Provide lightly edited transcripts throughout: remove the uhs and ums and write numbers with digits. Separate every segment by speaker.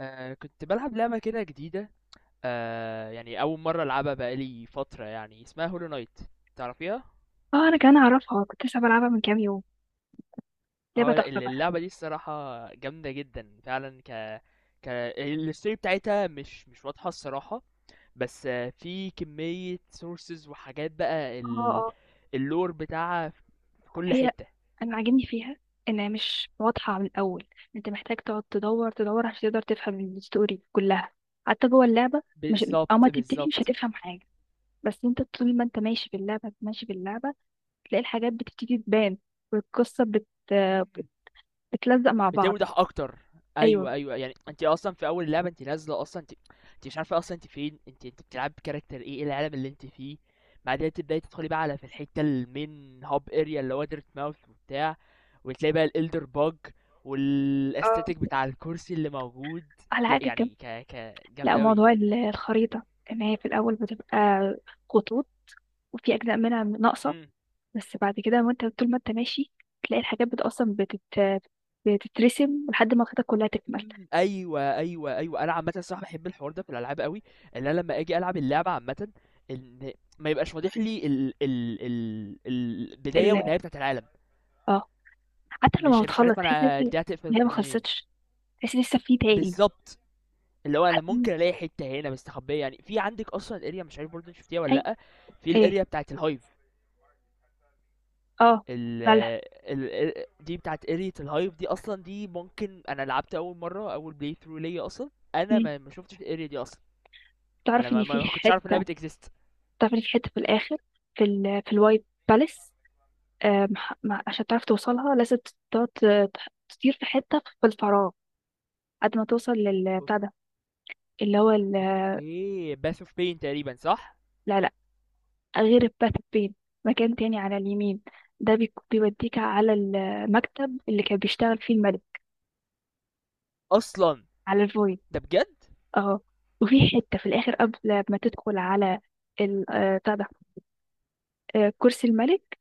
Speaker 1: كنت بلعب لعبة كده جديدة. يعني أول مرة ألعبها بقالي فترة، يعني اسمها هولو نايت. تعرفيها؟
Speaker 2: اه انا كمان اعرفها، كنت لسه بلعبها من كام يوم. لعبه
Speaker 1: اه لا،
Speaker 2: تحفه بقى.
Speaker 1: اللعبة دي الصراحة جامدة جدا فعلا. ك ك الستوري بتاعتها مش واضحة الصراحة، بس في كمية سورسز وحاجات بقى
Speaker 2: اه، اه.
Speaker 1: اللور بتاعها في كل
Speaker 2: هي،
Speaker 1: حتة.
Speaker 2: انا عاجبني فيها انها مش واضحه من الاول. انت محتاج تقعد تدور تدور عشان تقدر تفهم الستوري كلها حتى جوه اللعبه. مش اما
Speaker 1: بالظبط
Speaker 2: تبتدي مش
Speaker 1: بالظبط،
Speaker 2: هتفهم حاجه، بس انت طول ما انت ماشي في اللعبه ماشي في اللعبه تلاقي الحاجات بتبتدي تبان، والقصه بتلزق مع بعض.
Speaker 1: بتوضح أكتر،
Speaker 2: ايوه،
Speaker 1: أيوه، أيوه، يعني أنتِ أصلًا في أول اللعبة أنتِ نازلة أصلًا، أنتِ مش عارفة أصلًا أنتِ فين، أنتِ بتلعبي بcharacter إيه، إيه العالم اللي أنتِ فيه، بعدها تبدئي تدخلي بقى على في الحتة الmain hub area اللي هو Dirtmouth وبتاع، وتلاقي بقى الelder bug
Speaker 2: اه.
Speaker 1: والaesthetic بتاع الكرسي اللي موجود.
Speaker 2: على
Speaker 1: لأ
Speaker 2: حاجه كم؟
Speaker 1: يعني ك ك
Speaker 2: لا،
Speaker 1: جامدة أوي.
Speaker 2: موضوع الخريطه ان هي في الاول بتبقى خطوط وفي اجزاء منها ناقصه،
Speaker 1: إمم.
Speaker 2: بس بعد كده وانت طول ما انت ماشي تلاقي الحاجات بتترسم لحد ما خدتك كلها تكمل.
Speaker 1: إمم، أيوه، أيوه، أيوه، أنا عامةً الصراحة باحب الحوار ده في الألعاب أوي، إن أنا لمّا آجي ألعب اللعبة عامةً، إن ما يبقاش واضح لي ال البداية
Speaker 2: ال...
Speaker 1: والنهاية بتاعة العالم،
Speaker 2: اه، حتى لما
Speaker 1: مش
Speaker 2: بتخلص
Speaker 1: عارف
Speaker 2: تحس ان
Speaker 1: أنا دي
Speaker 2: إن
Speaker 1: هتقفل
Speaker 2: هي ما
Speaker 1: منين،
Speaker 2: خلصتش، تحس إن لسه في تاني.
Speaker 1: بالضبط، اللي هو أنا ممكن ألاقي حتّة هنا مستخبية يعني، في عندِك أصلًا area مش عارف برضه أنتِ شُفتيها والّا
Speaker 2: اي،
Speaker 1: لأ، في
Speaker 2: ايه،
Speaker 1: الarea بتاعة الhive.
Speaker 2: اه.
Speaker 1: ال
Speaker 2: بلح.
Speaker 1: ال دي بتاعة area الhive دي أصلًا، دي ممكن أنا لعبت أول مرّة أول play through ليّا أصلًا، أنا
Speaker 2: مم.
Speaker 1: ما شُفتش الarea دي أصلًا. انا
Speaker 2: تعرف
Speaker 1: ما,
Speaker 2: ان في
Speaker 1: ما ما كنتش عارف انها
Speaker 2: حته
Speaker 1: بتكزيست.
Speaker 2: تعرف ان في حته في الاخر، في الوايت باليس. عشان تعرف توصلها لازم تقعد ت- تطير في حته في الفراغ قد ما توصل للبتاع ده، اللي هو
Speaker 1: اوكي باث اوف بين تقريبا صح.
Speaker 2: العلاج. غير الباث بين، مكان تاني على اليمين، ده بيوديك على المكتب اللي كان بيشتغل فيه الملك،
Speaker 1: اصلا،
Speaker 2: على الفويد.
Speaker 1: ده بجد؟
Speaker 2: اه. وفي حتة في الآخر قبل ما تدخل على بتاع ده، كرسي الملك،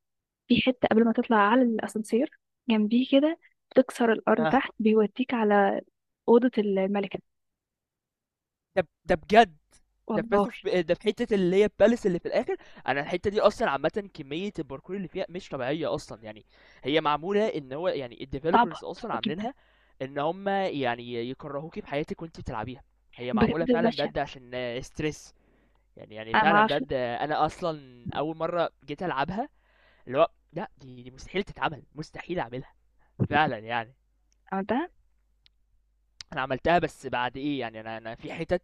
Speaker 2: في حتة قبل ما تطلع على الأسانسير، جنبيه كده بتكسر الأرض
Speaker 1: اه،
Speaker 2: تحت بيوديك على أوضة الملكة.
Speaker 1: ده بجد. ده في باث
Speaker 2: والله.
Speaker 1: اوف، ده في حته اللي هي الباليس اللي في الاخر. انا الحته دي اصلا عامه كميه الباركور اللي فيها مش طبيعيه اصلا يعني. هي معموله ان هو يعني
Speaker 2: صعبة
Speaker 1: الديفلوبرز اصلا
Speaker 2: صعبة جدا.
Speaker 1: عاملينها ان هم يعني يكرهوكي في حياتك وانت بتلعبيها. هي معموله
Speaker 2: بجد
Speaker 1: فعلا
Speaker 2: بشع.
Speaker 1: بجد عشان ستريس يعني. يعني
Speaker 2: أنا
Speaker 1: فعلا
Speaker 2: معرفش.
Speaker 1: بجد انا اصلا اول مره جيت العبها، اللي هو لا دي مستحيل تتعمل، مستحيل اعملها فعلًا يعني.
Speaker 2: عملتها.
Speaker 1: أنا عملتها بس بعد إيه، يعني أنا أنا في حِتَت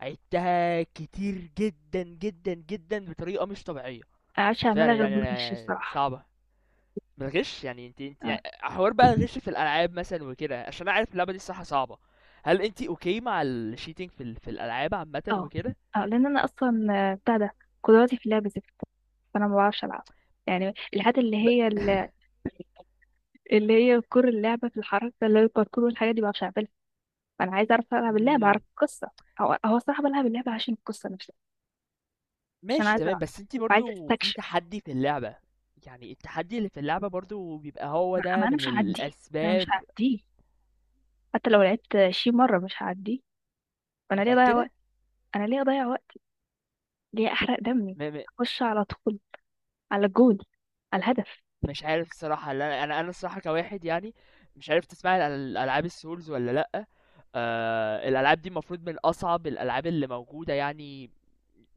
Speaker 1: عِدتها كتير جدًا، جدًا، جدًا بطريقة مش طبيعية،
Speaker 2: أنا معرفش أعملها
Speaker 1: فعلًا
Speaker 2: غير
Speaker 1: يعني.
Speaker 2: بالغش
Speaker 1: أنا
Speaker 2: الصراحة.
Speaker 1: صعبة، من الغِش يعني. أنتِ أنتِ
Speaker 2: آه.
Speaker 1: ع حوار بقى الغِش في الألعاب مثلًا وكده، عشان أنا عارف اللعبة دي الصراحة صعبة، هل أنتِ okay مع الcheating في ال في الألعاب عامةً
Speaker 2: اه،
Speaker 1: وكده؟
Speaker 2: اه، لان انا اصلا بتاع ده، قدراتي في اللعب زفت، فانا ما بعرفش العب. يعني الحاجات اللي
Speaker 1: ب
Speaker 2: هي اللي هي كور اللعبه في الحركه، اللي هي الباركور والحاجات دي، ما بعرفش اعملها. فانا عايزه اعرف العب اللعبه
Speaker 1: إمم،
Speaker 2: اعرف القصه. هو الصراحه بلعب اللعبه عشان القصه نفسها، عشان
Speaker 1: ماشي
Speaker 2: عايزه
Speaker 1: تمام،
Speaker 2: اعرف
Speaker 1: بس أنتِ
Speaker 2: وعايزه
Speaker 1: برضه في
Speaker 2: استكشف.
Speaker 1: تحدّي في اللعبة، يعني التحدّي اللي في اللعبة برضه بيبقى هو
Speaker 2: ما
Speaker 1: ده
Speaker 2: انا
Speaker 1: من
Speaker 2: مش هعديه، ما انا مش
Speaker 1: الأسباب.
Speaker 2: هعديه، حتى لو لعبت شي مره مش هعديه، فانا ليه اضيع
Speaker 1: متأكدة؟
Speaker 2: وقت؟ انا ليه اضيع وقت؟ ليه احرق دمي؟
Speaker 1: م م.
Speaker 2: اخش على طول، على الجول، على الهدف.
Speaker 1: مش عارف الصراحة، لا أنا أنا الصراحة كواحد يعني، مش عارف تسمعي عن ال ألعاب الSouls والّا لأ، الألعاب دي المفروض من أصعب الألعاب اللي موجودة يعني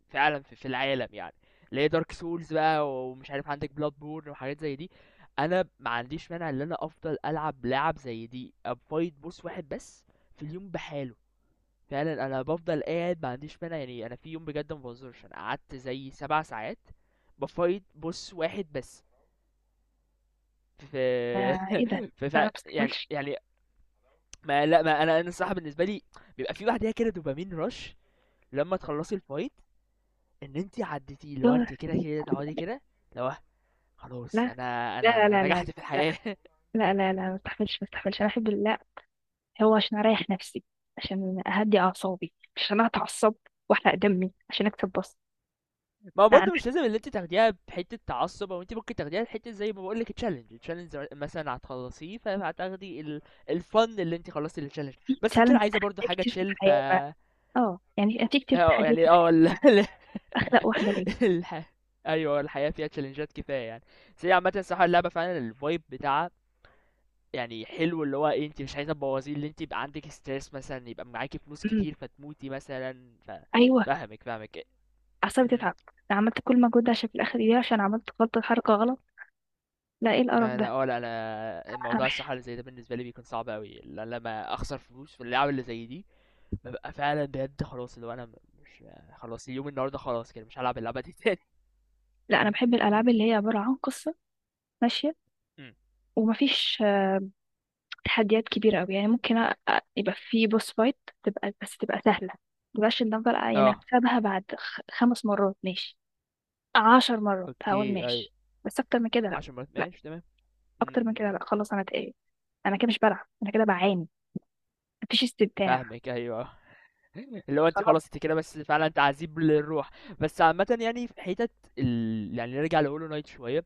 Speaker 1: فعلًا في في العالم يعني، اللي هي Dark Souls بقى ومش عارف عندِك Bloodborne وحاجات زي دي. أنا ما عنديش مانع إن أنا أفضل ألعب لعب زي دي أfight boss واحد بس في اليوم بحاله، فعلًا. أنا بافضل قاعد ما عنديش مانع يعني، أنا في يوم بجد ما باهزرش أنا قعدت زي 7 ساعات بafight boss واحد بس. ف
Speaker 2: آه ايه ده، لا،
Speaker 1: ف ف
Speaker 2: انا ما
Speaker 1: يعني
Speaker 2: بستحملش.
Speaker 1: يعني ما لأ، ما أنا الصراحة بالنسبة لي بيبقى في بعديها كده دوبامين rush لمّا تخلّصي الfight، إن أنتِ عدّيتيه، اللي هو
Speaker 2: دور.
Speaker 1: أنتِ كده، كده تقعدي كده، اللي هو خلاص،
Speaker 2: لا،
Speaker 1: أنا
Speaker 2: لا،
Speaker 1: أنا
Speaker 2: لا، لا،
Speaker 1: أنا
Speaker 2: لا،
Speaker 1: نجحت في الحياة.
Speaker 2: لا، لا، لا، ما استحملش، ما استحملش، انا احب، لا. هو عشان اريح نفسي، عشان اهدي اعصابي، مش عشان اتعصب واحرق دمي عشان اكسب بس.
Speaker 1: ما هو
Speaker 2: لا، انا
Speaker 1: برضه مش لازم اللي أنتِ تاخديها بحتّة تعصُّب، هو أنتِ ممكن تاخديها بحتّة زي ما باقول لِك challenge، الchallenge مثلًا هتخلّصيه فهتاخدي ال الfun اللي أنتِ خلّصتِ الchallenge،
Speaker 2: عندي
Speaker 1: بس أنتِ لو
Speaker 2: تشالنج، في
Speaker 1: عايزة برضه
Speaker 2: تحديات
Speaker 1: حاجة
Speaker 2: كتير في
Speaker 1: chill ف...
Speaker 2: الحياه بقى. اه، يعني في كتير، في
Speaker 1: آه،
Speaker 2: تحديات في
Speaker 1: يعني آه
Speaker 2: الحياه،
Speaker 1: ال
Speaker 2: اخلق واحده ليه؟
Speaker 1: الح... ايوه، الحياه فيها تشالنجات كفايه يعني. بس هي عامه الصراحه اللعبه فعلا الفايب بتاعها يعني حلو، اللي هو ايه، انت مش عايزه تبوظيه، اللي انت يبقى عندك ستريس مثلا، يبقى معاكي فلوس
Speaker 2: امم.
Speaker 1: كتير فتموتي مثلا ف...
Speaker 2: ايوه.
Speaker 1: فاهمك فاهمك.
Speaker 2: اعصابي
Speaker 1: امم.
Speaker 2: تتعب. انا عملت كل مجهود ده عشان في الاخر ايه؟ عشان عملت غلطه، حركه غلط؟ لا، ايه القرف
Speaker 1: ما انا
Speaker 2: ده؟
Speaker 1: اه لا، انا
Speaker 2: انا
Speaker 1: الموضوع
Speaker 2: بح...
Speaker 1: الصراحه اللي زي ده بالنسبه لي بيكون صعب قوي لما اخسر فلوس في اللعبه اللي زي دي. ببقى فعلا بجد خلاص اللي هو انا مش... خلاص اليوم النهارده خلاص كده مش هلعب اللعبه دي تاني.
Speaker 2: لا، انا بحب الالعاب اللي هي عباره عن قصه ماشيه،
Speaker 1: امم.
Speaker 2: ومفيش تحديات كبيرة أوي، يعني ممكن يبقى في بوس فايت تبقى، بس تبقى سهلة. مبقاش إن أفضل يعني
Speaker 1: اه.
Speaker 2: أكسبها بعد خمس مرات، ماشي، عشر مرات هقول
Speaker 1: اوكي اي.
Speaker 2: ماشي، بس أكتر من كده لأ.
Speaker 1: عشر مرات
Speaker 2: لأ،
Speaker 1: ماشي تمام. إمم،
Speaker 2: أكتر
Speaker 1: إمم،
Speaker 2: من كده
Speaker 1: إمم،
Speaker 2: لأ، خلاص أنا اتقل، أنا كده مش بلعب، أنا كده بعاني، مفيش استمتاع.
Speaker 1: فاهمِك أيوه، اللي هو أنتِ
Speaker 2: خلاص.
Speaker 1: خلاص أنتِ كده، بس فعلًا تعذيب للروح. بس عامةً يعني في حتت ال، يعني نرجع لHollow Knight شوية،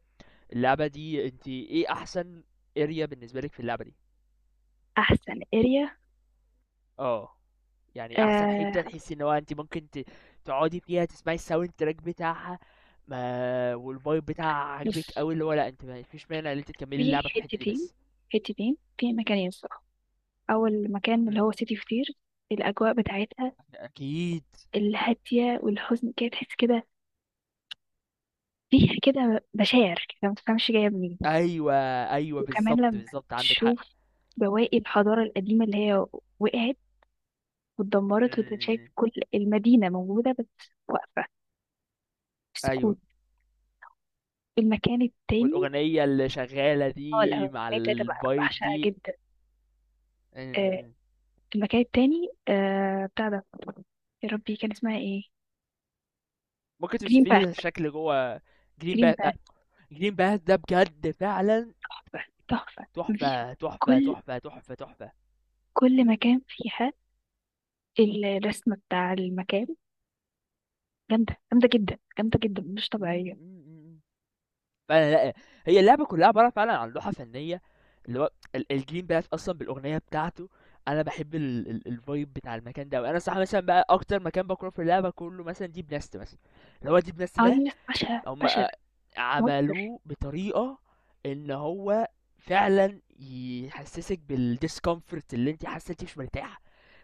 Speaker 1: اللعبة دي أنتِ إيه أحسن area بالنسبة لِك في اللعبة دي؟
Speaker 2: أحسن اريا؟
Speaker 1: آه، يعني أحسن
Speaker 2: آه.
Speaker 1: حتة تحسي إن هو أنتِ ممكن ت تقعدي فيها تسمعي الsound track بتاعها ما والvibe بتاعها عاجبِك
Speaker 2: بص،
Speaker 1: أوي، اللي هو لأ أنتِ ما فيش مانع إن أنتِ تكمّلي
Speaker 2: في
Speaker 1: اللعبة في الحتة دي
Speaker 2: حتتين،
Speaker 1: بس.
Speaker 2: حتتين في مكانين الصراحة. أول مكان اللي
Speaker 1: إمم،
Speaker 2: هو سيتي كتير، الأجواء بتاعتها
Speaker 1: أكيد،
Speaker 2: الهادية والحزن كده، تحس كده فيها كده بشاعر كده ما تفهمش جاية منين.
Speaker 1: أيوه، أيوه،
Speaker 2: وكمان
Speaker 1: بالضبط،
Speaker 2: لما
Speaker 1: بالضبط، عندِك حق.
Speaker 2: تشوف بواقي الحضارة القديمة اللي هي وقعت
Speaker 1: إمم،
Speaker 2: واتدمرت وتتشاف
Speaker 1: إمم، إمم،
Speaker 2: كل المدينة موجودة بس واقفة في
Speaker 1: أيوه.
Speaker 2: سكوت. المكان التاني،
Speaker 1: والأغنية اللي شغالة
Speaker 2: اه
Speaker 1: دي
Speaker 2: الأهرامات
Speaker 1: مع
Speaker 2: بتاعتها بقى
Speaker 1: الفايب
Speaker 2: بعشقها
Speaker 1: دي.
Speaker 2: جدا. آه
Speaker 1: إن...
Speaker 2: المكان التاني، بتاع ده، يا ربي كان اسمها ايه؟
Speaker 1: ممكن
Speaker 2: جرين
Speaker 1: توصفي
Speaker 2: باث.
Speaker 1: لي الشكل جوه. جرين
Speaker 2: جرين
Speaker 1: باث.
Speaker 2: باث.
Speaker 1: جرين باث ده بجد فعلا
Speaker 2: تحفة، تحفة. مفيش،
Speaker 1: تحفة تحفة
Speaker 2: كل،
Speaker 1: تحفة تحفة تحفة.
Speaker 2: كل مكان فيها الرسمة بتاع المكان جامدة، جامدة جدا، جامدة جدا، مش
Speaker 1: مم،
Speaker 2: طبيعية.
Speaker 1: مم، مم. فعلا لا، هي اللعبة كلها عبارة فعلا عن لوحة فنية، اللي هو ال- الجرين باث أصلا بالأغنية بتاعته، أنا بحب الفايب بتاع المكان ده. وأنا صح مثلا بقى أكتر مكان بكره في اللعبة كله مثلا ديب نست مثلا، اللي هو ديب نست
Speaker 2: اه دي
Speaker 1: ده،
Speaker 2: ناس بشع،
Speaker 1: هم
Speaker 2: بشع. موتر.
Speaker 1: عملوه بطريقة ان هو فعلا يحسسك بالديسكومفورت، اللي انت حاسه انت مش مرتاحه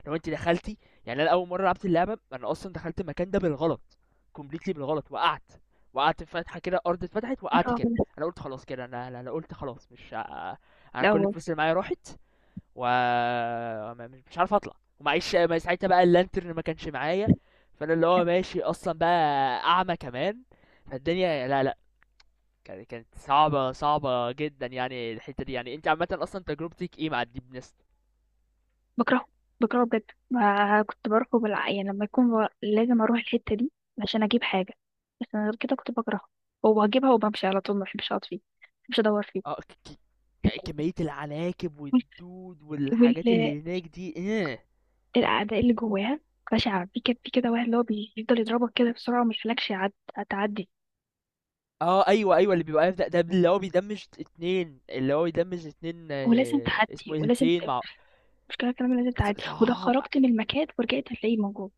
Speaker 1: لو انت دخلتي. يعني انا اول مره لعبت اللعبه انا اصلا دخلت المكان ده بالغلط، كومبليتلي بالغلط، وقعت. وقعت في فتحه كده، الارض اتفتحت وقعت
Speaker 2: الرعب
Speaker 1: كده.
Speaker 2: ده.
Speaker 1: انا قلت خلاص كده، انا أنا قلت خلاص مش ه- انا
Speaker 2: لا
Speaker 1: كل
Speaker 2: والله.
Speaker 1: الفلوس اللي معايا راحت، و مش عارف اطلع. ومعيش ما ساعتها بقى اللانترن ما كانش معايا، فانا اللي هو
Speaker 2: كان
Speaker 1: ماشي اصلا بقى اعمى كمان، فالدنيا لا لا، كانت صعبة صعبة جدا يعني. الحتة دي يعني انت عامة اصلا تجربتك ايه مع الديب نست؟
Speaker 2: بكرهه، بكرهه بجد. ما كنت بروحه يعني لما يكون ب... لازم اروح الحتة دي عشان اجيب حاجة، بس انا غير كده كنت بكرهه وبجيبها وبمشي على طول، ما بحبش اقعد فيه، ما بحبش ادور فيه.
Speaker 1: اه، كمية العناكب والدود والحاجات اللي هناك دي ايه!
Speaker 2: والأعداء اللي جواها بشعة، في كده في كده واحد اللي هو بيفضل يضربك كده بسرعة وما يخليكش تعدي،
Speaker 1: اه ايوه ايوه، اللي بيبقى واقف ده، ده اللي هو بيدمج اتنين اللي هو بيدمج اتنين،
Speaker 2: ولازم
Speaker 1: آه، اسمه
Speaker 2: تعدي،
Speaker 1: ايه
Speaker 2: ولازم
Speaker 1: الاتنين مع...
Speaker 2: المشكلة كمان لازم
Speaker 1: ص-
Speaker 2: تعدي، ولو
Speaker 1: صعب
Speaker 2: خرجت من المكان ورجعت هتلاقيه موجود.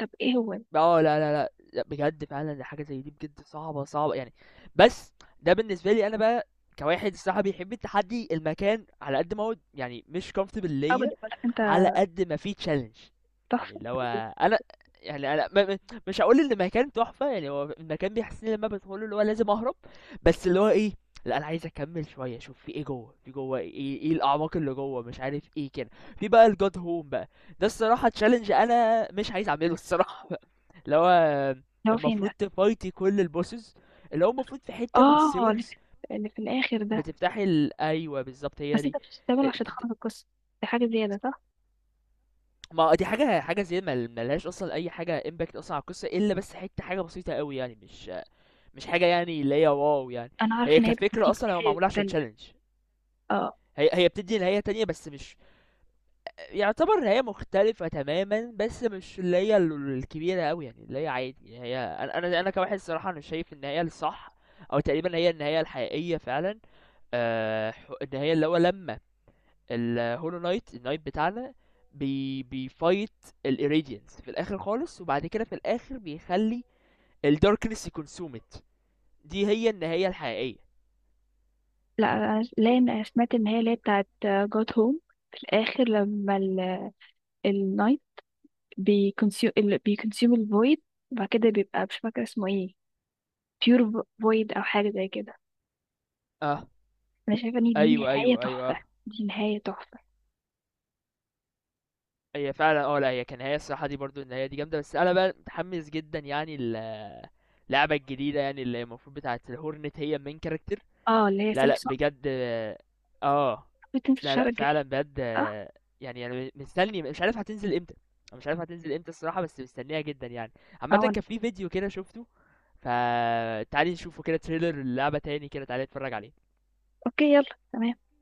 Speaker 2: طب ايه هو ده؟
Speaker 1: آه لا لا لأ، لأ بجد فعلًا، دي حاجة زي دي بجد صعبة، صعبة يعني. بس ده بالنسبة لي أنا بقى كواحد الصراحة بيحب التحدي، المكان على قد ما هو يعني مش comfortable ليّا،
Speaker 2: ابدا، ولا انت
Speaker 1: على قد ما في challenge، يعني
Speaker 2: تحفة
Speaker 1: اللي
Speaker 2: اللي
Speaker 1: هو أنا، يعني أنا م م مش هاقول إن المكان تحفة، يعني هو المكان بيحسسني لمّا بادخله اللي هو لازم أهرب، بس اللي هو إيه، لأ أنا عايز أكمّل شوية، أشوف في إيه جوّه، في جوّه إيه، إيه الأعماق اللي جوّه، مش عارف إيه كده. في بقى الGod Home بقى، ده الصراحة challenge أنا مش عايز أعمله الصراحة، اللي هو
Speaker 2: هو. فين
Speaker 1: المفروض
Speaker 2: ده؟
Speaker 1: تفايتي كل البوسز، اللي هو المفروض في حتة في
Speaker 2: اه، اللي
Speaker 1: السيورز
Speaker 2: في، اللي في الآخر ده.
Speaker 1: بتفتحي ال... ايوه بالظبط هي
Speaker 2: بس انت
Speaker 1: دي.
Speaker 2: بتستعمله
Speaker 1: إيه،
Speaker 2: عشان
Speaker 1: تفت-،
Speaker 2: تخلص القصة، دي حاجة زيادة صح؟
Speaker 1: ما دي حاجة، زي ما ملهاش اصلا اي حاجة امباكت اصلا على القصة الا بس حتة حاجة بسيطة قوي يعني، مش حاجة يعني اللي هي واو يعني.
Speaker 2: أنا عارفة
Speaker 1: هي
Speaker 2: إن هي
Speaker 1: كفكرة
Speaker 2: بتديك
Speaker 1: اصلا هو
Speaker 2: نهاية
Speaker 1: معمولة عشان
Speaker 2: تانية.
Speaker 1: تشالنج.
Speaker 2: اه
Speaker 1: هي بتدي نهاية تانية بس مش يعتبر هي مختلفة تماما، بس مش اللي هي الكبيرة أوي يعني، اللي هي عادي يعني. هي أنا أنا كواحد صراحة أنا شايف إن هي الصح، أو تقريبا هي النهاية الحقيقية فعلا. إن هي اللي هو لما الهولو نايت النايت بتاعنا بيفايت الإيريديانس في الآخر خالص، وبعد كده في الآخر بيخلي الداركنس يكونسومت، دي هي النهاية الحقيقية.
Speaker 2: لا، لا أنا سمعت إن هي اللي هي بتاعت جوت هوم، في الآخر لما النايت بيكونسيوم، بيكونسيوم الفويد، وبعد كده بيبقى مش فاكرة اسمه ايه، بيور فويد أو حاجة زي كده.
Speaker 1: اه
Speaker 2: أنا شايفة إن دي
Speaker 1: ايوه
Speaker 2: نهاية
Speaker 1: ايوه
Speaker 2: تحفة،
Speaker 1: ايوه،
Speaker 2: دي نهاية تحفة.
Speaker 1: هي فعلا اه لا، هي كان هي الصراحة دي برضو النهاية دي جامدة. بس أنا بقى متحمس جدا يعني ال اللعبه الجديده، يعني اللي المفروض بتاعت الهورنت هي المين كاركتر.
Speaker 2: اه اللي هي
Speaker 1: لا لا
Speaker 2: سلسلة،
Speaker 1: بجد اه. آه.
Speaker 2: بتنزل
Speaker 1: لا
Speaker 2: شهر
Speaker 1: لا
Speaker 2: الجديد
Speaker 1: فعلا بجد
Speaker 2: صح؟
Speaker 1: يعني انا مستني، مش عارف هتنزل امتى. أنا مش عارف هتنزل امتى الصراحه، بس مستنيها جدا يعني. عامه
Speaker 2: اه،
Speaker 1: كان في فيديو كده شفته، فتعالي نشوفه كده، تريلر اللعبه تاني كده، تعالي نتفرج عليه.
Speaker 2: اوكي يلا تمام.